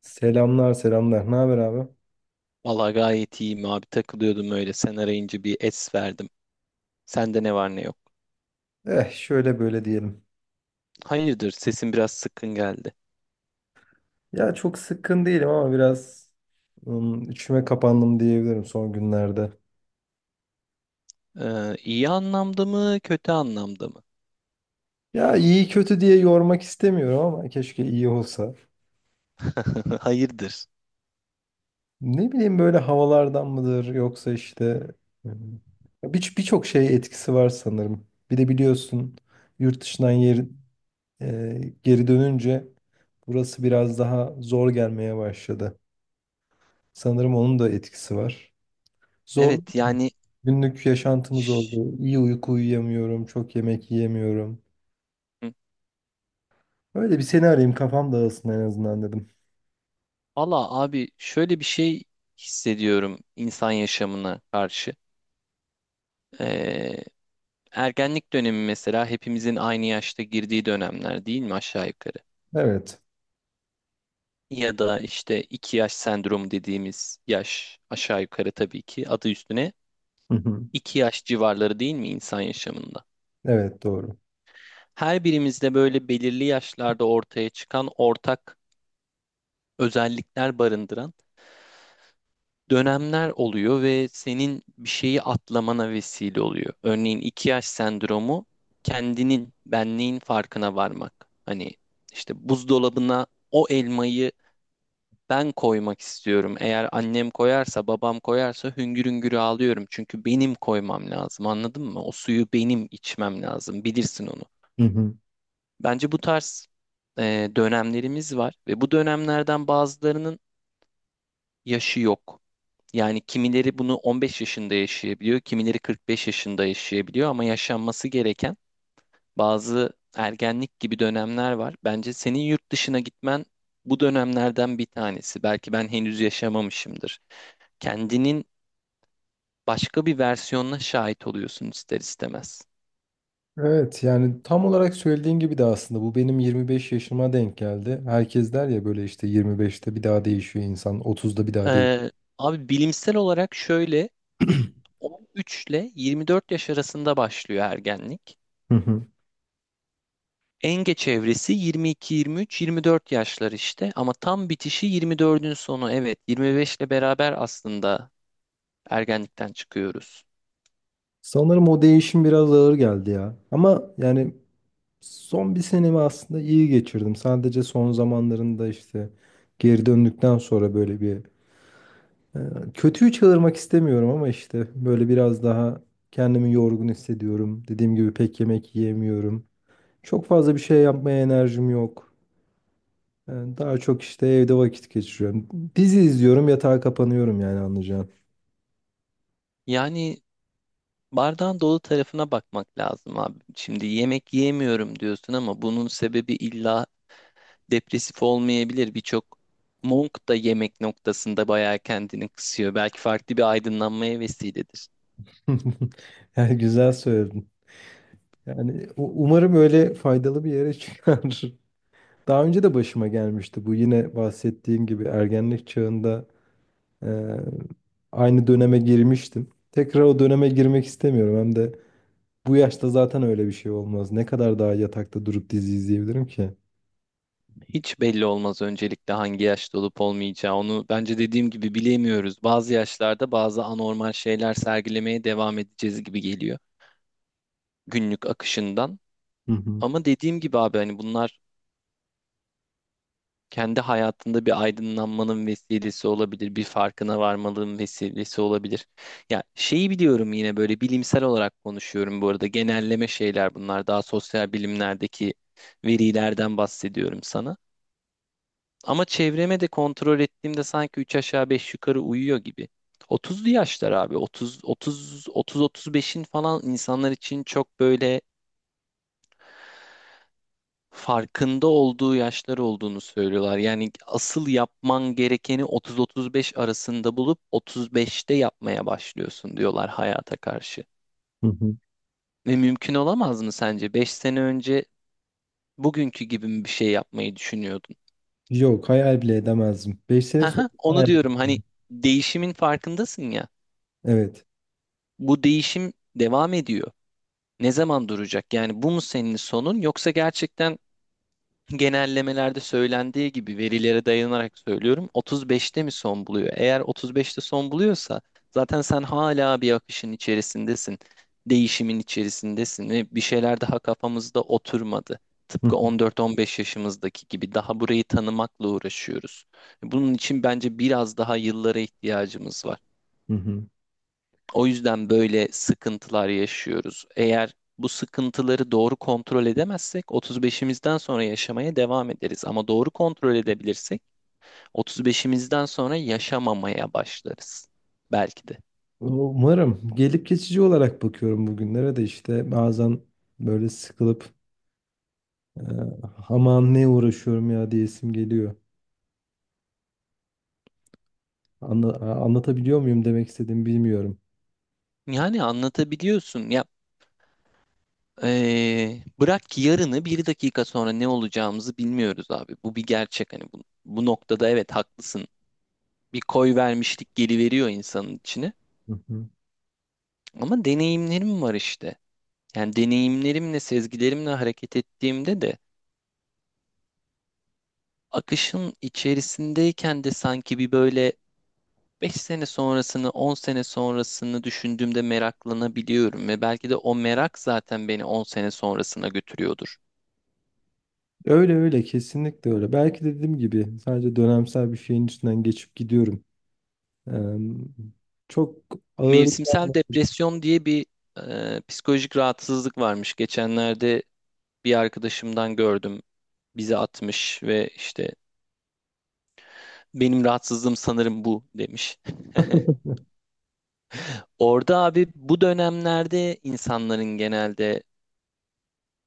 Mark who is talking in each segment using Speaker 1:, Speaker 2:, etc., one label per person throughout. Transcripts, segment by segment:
Speaker 1: Selamlar selamlar. Ne haber abi?
Speaker 2: Valla gayet iyiyim abi, takılıyordum öyle, sen arayınca bir es verdim. Sende ne var ne yok.
Speaker 1: Eh şöyle böyle diyelim.
Speaker 2: Hayırdır, sesin biraz sıkkın geldi.
Speaker 1: Ya çok sıkkın değilim ama biraz içime kapandım diyebilirim son günlerde.
Speaker 2: İyi anlamda mı kötü anlamda mı?
Speaker 1: Ya iyi kötü diye yormak istemiyorum ama keşke iyi olsa.
Speaker 2: Hayırdır.
Speaker 1: Ne bileyim böyle havalardan mıdır yoksa işte ım, birçok şey etkisi var sanırım. Bir de biliyorsun yurt dışından yer, geri dönünce burası biraz daha zor gelmeye başladı. Sanırım onun da etkisi var. Zorlu
Speaker 2: Evet yani.
Speaker 1: günlük yaşantımız
Speaker 2: ş-
Speaker 1: oldu. İyi uyku uyuyamıyorum, çok yemek yiyemiyorum.
Speaker 2: hı.
Speaker 1: Öyle bir seni arayayım kafam dağılsın en azından dedim.
Speaker 2: Valla abi, şöyle bir şey hissediyorum insan yaşamına karşı. Ee, Ergenlik dönemi mesela, hepimizin aynı yaşta girdiği dönemler değil mi aşağı yukarı?
Speaker 1: Evet.
Speaker 2: Ya da işte iki yaş sendromu dediğimiz yaş, aşağı yukarı tabii ki adı üstüne
Speaker 1: Hı hı.
Speaker 2: iki yaş civarları, değil mi insan yaşamında?
Speaker 1: Evet, doğru.
Speaker 2: Her birimizde böyle belirli yaşlarda ortaya çıkan ortak özellikler barındıran dönemler oluyor ve senin bir şeyi atlamana vesile oluyor. Örneğin iki yaş sendromu kendinin, benliğin farkına varmak. Hani işte buzdolabına o elmayı ben koymak istiyorum. Eğer annem koyarsa, babam koyarsa hüngür hüngür ağlıyorum. Çünkü benim koymam lazım, anladın mı? O suyu benim içmem lazım. Bilirsin onu.
Speaker 1: Hı hı.
Speaker 2: Bence bu tarz dönemlerimiz var ve bu dönemlerden bazılarının yaşı yok. Yani kimileri bunu 15 yaşında yaşayabiliyor, kimileri 45 yaşında yaşayabiliyor ama yaşanması gereken bazı ergenlik gibi dönemler var. Bence senin yurt dışına gitmen bu dönemlerden bir tanesi. Belki ben henüz yaşamamışımdır. Kendinin başka bir versiyonuna şahit oluyorsun ister istemez.
Speaker 1: Evet, yani tam olarak söylediğin gibi de aslında bu benim 25 yaşıma denk geldi. Herkes der ya böyle işte 25'te bir daha değişiyor insan, 30'da bir daha değil.
Speaker 2: Ee, Abi bilimsel olarak şöyle, 13 ile 24 yaş arasında başlıyor ergenlik.
Speaker 1: Hı hı.
Speaker 2: En geç evresi 22, 23, 24 yaşlar işte ama tam bitişi 24'ün sonu, evet 25 ile beraber aslında ergenlikten çıkıyoruz.
Speaker 1: Sanırım o değişim biraz ağır geldi ya. Ama yani son bir senemi aslında iyi geçirdim. Sadece son zamanlarında işte geri döndükten sonra böyle bir kötüyü çağırmak istemiyorum ama işte böyle biraz daha kendimi yorgun hissediyorum. Dediğim gibi pek yemek yiyemiyorum. Çok fazla bir şey yapmaya enerjim yok. Daha çok işte evde vakit geçiriyorum. Dizi izliyorum, yatağa kapanıyorum yani anlayacağın.
Speaker 2: Yani bardağın dolu tarafına bakmak lazım abi. Şimdi yemek yiyemiyorum diyorsun ama bunun sebebi illa depresif olmayabilir. Birçok monk da yemek noktasında bayağı kendini kısıyor. Belki farklı bir aydınlanmaya vesiledir.
Speaker 1: Yani güzel söyledin. Yani umarım öyle faydalı bir yere çıkar. Daha önce de başıma gelmişti bu, yine bahsettiğim gibi ergenlik çağında eee, aynı döneme girmiştim. Tekrar o döneme girmek istemiyorum, hem de bu yaşta zaten öyle bir şey olmaz. Ne kadar daha yatakta durup dizi izleyebilirim ki?
Speaker 2: Hiç belli olmaz öncelikle hangi yaşta olup olmayacağı. Onu bence dediğim gibi bilemiyoruz. Bazı yaşlarda bazı anormal şeyler sergilemeye devam edeceğiz gibi geliyor günlük akışından.
Speaker 1: Hı hı.
Speaker 2: Ama dediğim gibi abi, hani bunlar kendi hayatında bir aydınlanmanın vesilesi olabilir, bir farkına varmalığın vesilesi olabilir. Ya şeyi biliyorum, yine böyle bilimsel olarak konuşuyorum bu arada. Genelleme şeyler bunlar. Daha sosyal bilimlerdeki verilerden bahsediyorum sana. Ama çevreme de kontrol ettiğimde sanki 3 aşağı 5 yukarı uyuyor gibi. 30'lu yaşlar abi. 30 35'in falan, insanlar için çok böyle farkında olduğu yaşlar olduğunu söylüyorlar. Yani asıl yapman gerekeni 30 35 arasında bulup 35'te yapmaya başlıyorsun diyorlar hayata karşı.
Speaker 1: Hı hı.
Speaker 2: Ve mümkün olamaz mı sence? 5 sene önce bugünkü gibi mi bir şey yapmayı düşünüyordun?
Speaker 1: Yok, hayal bile edemezdim. 5 sene sonra
Speaker 2: Haha, onu
Speaker 1: hayal
Speaker 2: diyorum hani,
Speaker 1: ettim.
Speaker 2: değişimin farkındasın ya.
Speaker 1: Evet.
Speaker 2: Bu değişim devam ediyor. Ne zaman duracak? Yani bu mu senin sonun, yoksa gerçekten genellemelerde söylendiği gibi, verilere dayanarak söylüyorum, 35'te mi son buluyor? Eğer 35'te son buluyorsa zaten sen hala bir akışın içerisindesin. Değişimin içerisindesin ve bir şeyler daha kafamızda oturmadı.
Speaker 1: Hı
Speaker 2: Tıpkı 14-15 yaşımızdaki gibi daha burayı tanımakla uğraşıyoruz. Bunun için bence biraz daha yıllara ihtiyacımız var.
Speaker 1: hı. Hı.
Speaker 2: O yüzden böyle sıkıntılar yaşıyoruz. Eğer bu sıkıntıları doğru kontrol edemezsek 35'imizden sonra yaşamaya devam ederiz. Ama doğru kontrol edebilirsek 35'imizden sonra yaşamamaya başlarız. Belki de.
Speaker 1: Umarım gelip geçici olarak bakıyorum bugünlere de, işte bazen böyle sıkılıp eee aman ne uğraşıyorum ya diyesim geliyor. Anla- Anlatabiliyor muyum demek istediğimi bilmiyorum.
Speaker 2: Yani anlatabiliyorsun ya. Bırak ki yarını, bir dakika sonra ne olacağımızı bilmiyoruz abi. Bu bir gerçek, hani bu noktada evet haklısın. Bir koy vermişlik geliveriyor insanın içine.
Speaker 1: Hı hı.
Speaker 2: Ama deneyimlerim var işte. Yani deneyimlerimle, sezgilerimle hareket ettiğimde de, akışın içerisindeyken de sanki bir böyle 5 sene sonrasını, 10 sene sonrasını düşündüğümde meraklanabiliyorum ve belki de o merak zaten beni 10 sene sonrasına götürüyordur.
Speaker 1: Öyle öyle, kesinlikle öyle. Belki de dediğim gibi sadece dönemsel bir şeyin üstünden geçip gidiyorum. Eee, çok ağır.
Speaker 2: Mevsimsel depresyon diye bir psikolojik rahatsızlık varmış. Geçenlerde bir arkadaşımdan gördüm. Bize atmış ve işte, benim rahatsızlığım sanırım bu demiş. Orada abi bu dönemlerde insanların genelde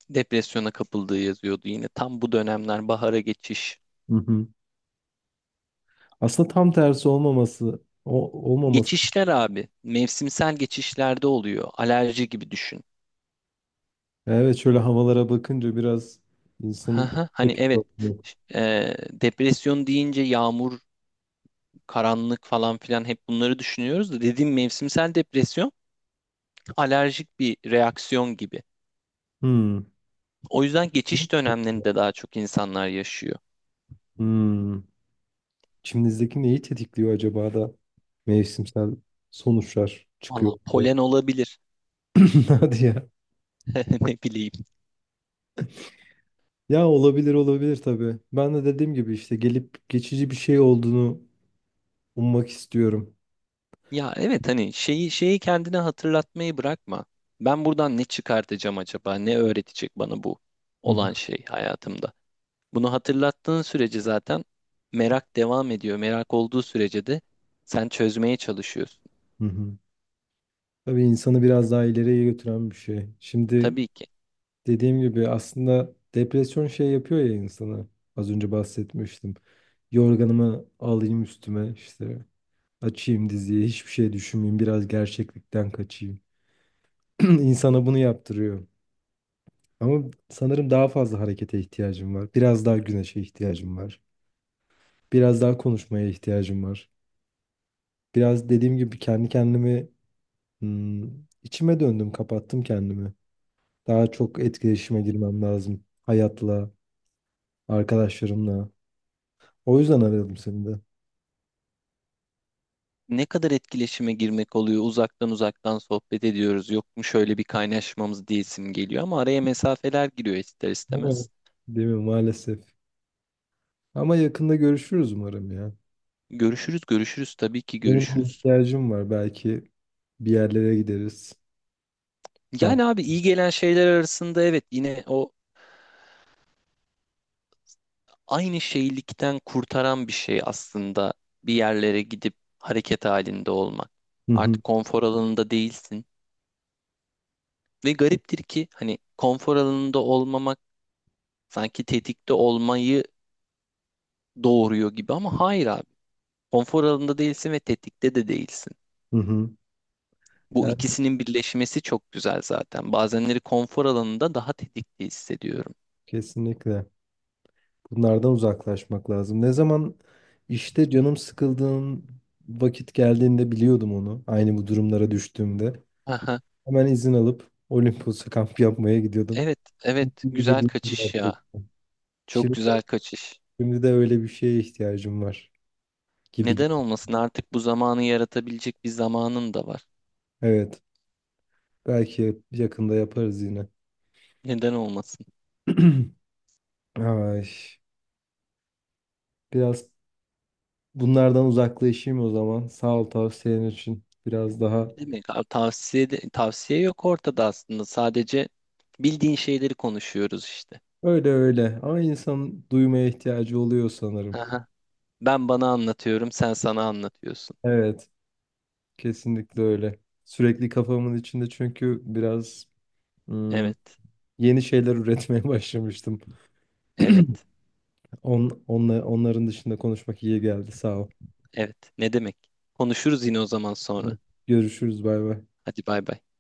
Speaker 2: depresyona kapıldığı yazıyordu yine. Tam bu dönemler bahara geçiş.
Speaker 1: Hı hı. Aslında tam tersi olmaması olmaması.
Speaker 2: Geçişler abi mevsimsel geçişlerde oluyor. Alerji gibi düşün.
Speaker 1: Evet, şöyle havalara bakınca biraz insan.
Speaker 2: Haha, hani evet, e, depresyon deyince yağmur, karanlık falan filan hep bunları düşünüyoruz da, dediğim mevsimsel depresyon alerjik bir reaksiyon gibi.
Speaker 1: Hmm.
Speaker 2: O yüzden geçiş dönemlerinde daha çok insanlar yaşıyor.
Speaker 1: Hmm. İçimizdeki neyi tetikliyor acaba da mevsimsel sonuçlar
Speaker 2: Valla
Speaker 1: çıkıyor.
Speaker 2: polen olabilir.
Speaker 1: Hadi ya.
Speaker 2: Ne bileyim.
Speaker 1: Ya olabilir, olabilir tabii. Ben de dediğim gibi işte gelip geçici bir şey olduğunu ummak istiyorum.
Speaker 2: Ya evet hani, şeyi kendine hatırlatmayı bırakma. Ben buradan ne çıkartacağım acaba? Ne öğretecek bana bu
Speaker 1: Hı hı,
Speaker 2: olan şey hayatımda? Bunu hatırlattığın sürece zaten merak devam ediyor. Merak olduğu sürece de sen çözmeye çalışıyorsun.
Speaker 1: hı hı. Tabii insanı biraz daha ileriye götüren bir şey. Şimdi
Speaker 2: Tabii ki.
Speaker 1: dediğim gibi aslında depresyon şey yapıyor ya insana. Az önce bahsetmiştim. Yorganımı alayım üstüme, işte açayım diziyi, hiçbir şey düşünmeyeyim, biraz gerçeklikten kaçayım. İnsana bunu yaptırıyor. Ama sanırım daha fazla harekete ihtiyacım var. Biraz daha güneşe ihtiyacım var. Biraz daha konuşmaya ihtiyacım var. Biraz dediğim gibi kendi kendimi hmm, içime döndüm, kapattım kendimi. Daha çok etkileşime girmem lazım. Hayatla, arkadaşlarımla. O yüzden aradım seni de.
Speaker 2: Ne kadar etkileşime girmek oluyor. Uzaktan uzaktan sohbet ediyoruz. Yok mu şöyle bir kaynaşmamız diyesim geliyor ama araya mesafeler giriyor ister
Speaker 1: Evet.
Speaker 2: istemez.
Speaker 1: Değil mi? Maalesef. Ama yakında görüşürüz umarım ya.
Speaker 2: Görüşürüz, görüşürüz, tabii ki
Speaker 1: Benim bir
Speaker 2: görüşürüz.
Speaker 1: ihtiyacım var. Belki bir yerlere gideriz. Kamp.
Speaker 2: Yani abi iyi gelen şeyler arasında, evet, yine o aynı şeylikten kurtaran bir şey aslında bir yerlere gidip hareket halinde olmak.
Speaker 1: Hı hı.
Speaker 2: Artık konfor alanında değilsin. Ve gariptir ki hani konfor alanında olmamak sanki tetikte olmayı doğuruyor gibi ama hayır abi. Konfor alanında değilsin ve tetikte de değilsin.
Speaker 1: Hı hı.
Speaker 2: Bu
Speaker 1: Yani
Speaker 2: ikisinin birleşmesi çok güzel zaten. Bazenleri konfor alanında daha tetikte hissediyorum.
Speaker 1: kesinlikle. Bunlardan uzaklaşmak lazım. Ne zaman işte canım sıkıldığın vakit geldiğinde biliyordum onu. Aynı bu durumlara düştüğümde.
Speaker 2: Aha,
Speaker 1: Hemen izin alıp Olimpos'a kamp yapmaya gidiyordum.
Speaker 2: evet, evet.
Speaker 1: Mutlu
Speaker 2: Güzel
Speaker 1: geliyor
Speaker 2: kaçış ya.
Speaker 1: gerçekten.
Speaker 2: Çok
Speaker 1: Şimdi de,
Speaker 2: güzel kaçış.
Speaker 1: şimdi de öyle bir şeye ihtiyacım var gibi.
Speaker 2: Neden olmasın? Artık bu zamanı yaratabilecek bir zamanın da var.
Speaker 1: Evet. Belki yakında yaparız yine.
Speaker 2: Neden olmasın?
Speaker 1: Ay, biraz bunlardan uzaklaşayım o zaman. Sağ ol tavsiyen için. Biraz daha
Speaker 2: Ne demek? Tavsiye yok ortada aslında. Sadece bildiğin şeyleri konuşuyoruz işte.
Speaker 1: öyle öyle. Ama insan duymaya ihtiyacı oluyor sanırım.
Speaker 2: Aha. Ben bana anlatıyorum, sen sana anlatıyorsun.
Speaker 1: Evet, kesinlikle öyle. Sürekli kafamın içinde çünkü biraz hmm,
Speaker 2: Evet,
Speaker 1: yeni şeyler üretmeye başlamıştım.
Speaker 2: evet,
Speaker 1: Onların dışında konuşmak iyi geldi. Sağ ol.
Speaker 2: evet. Ne demek? Konuşuruz yine o zaman sonra.
Speaker 1: Tamam. Görüşürüz. Bay bay.
Speaker 2: Hadi bay bay.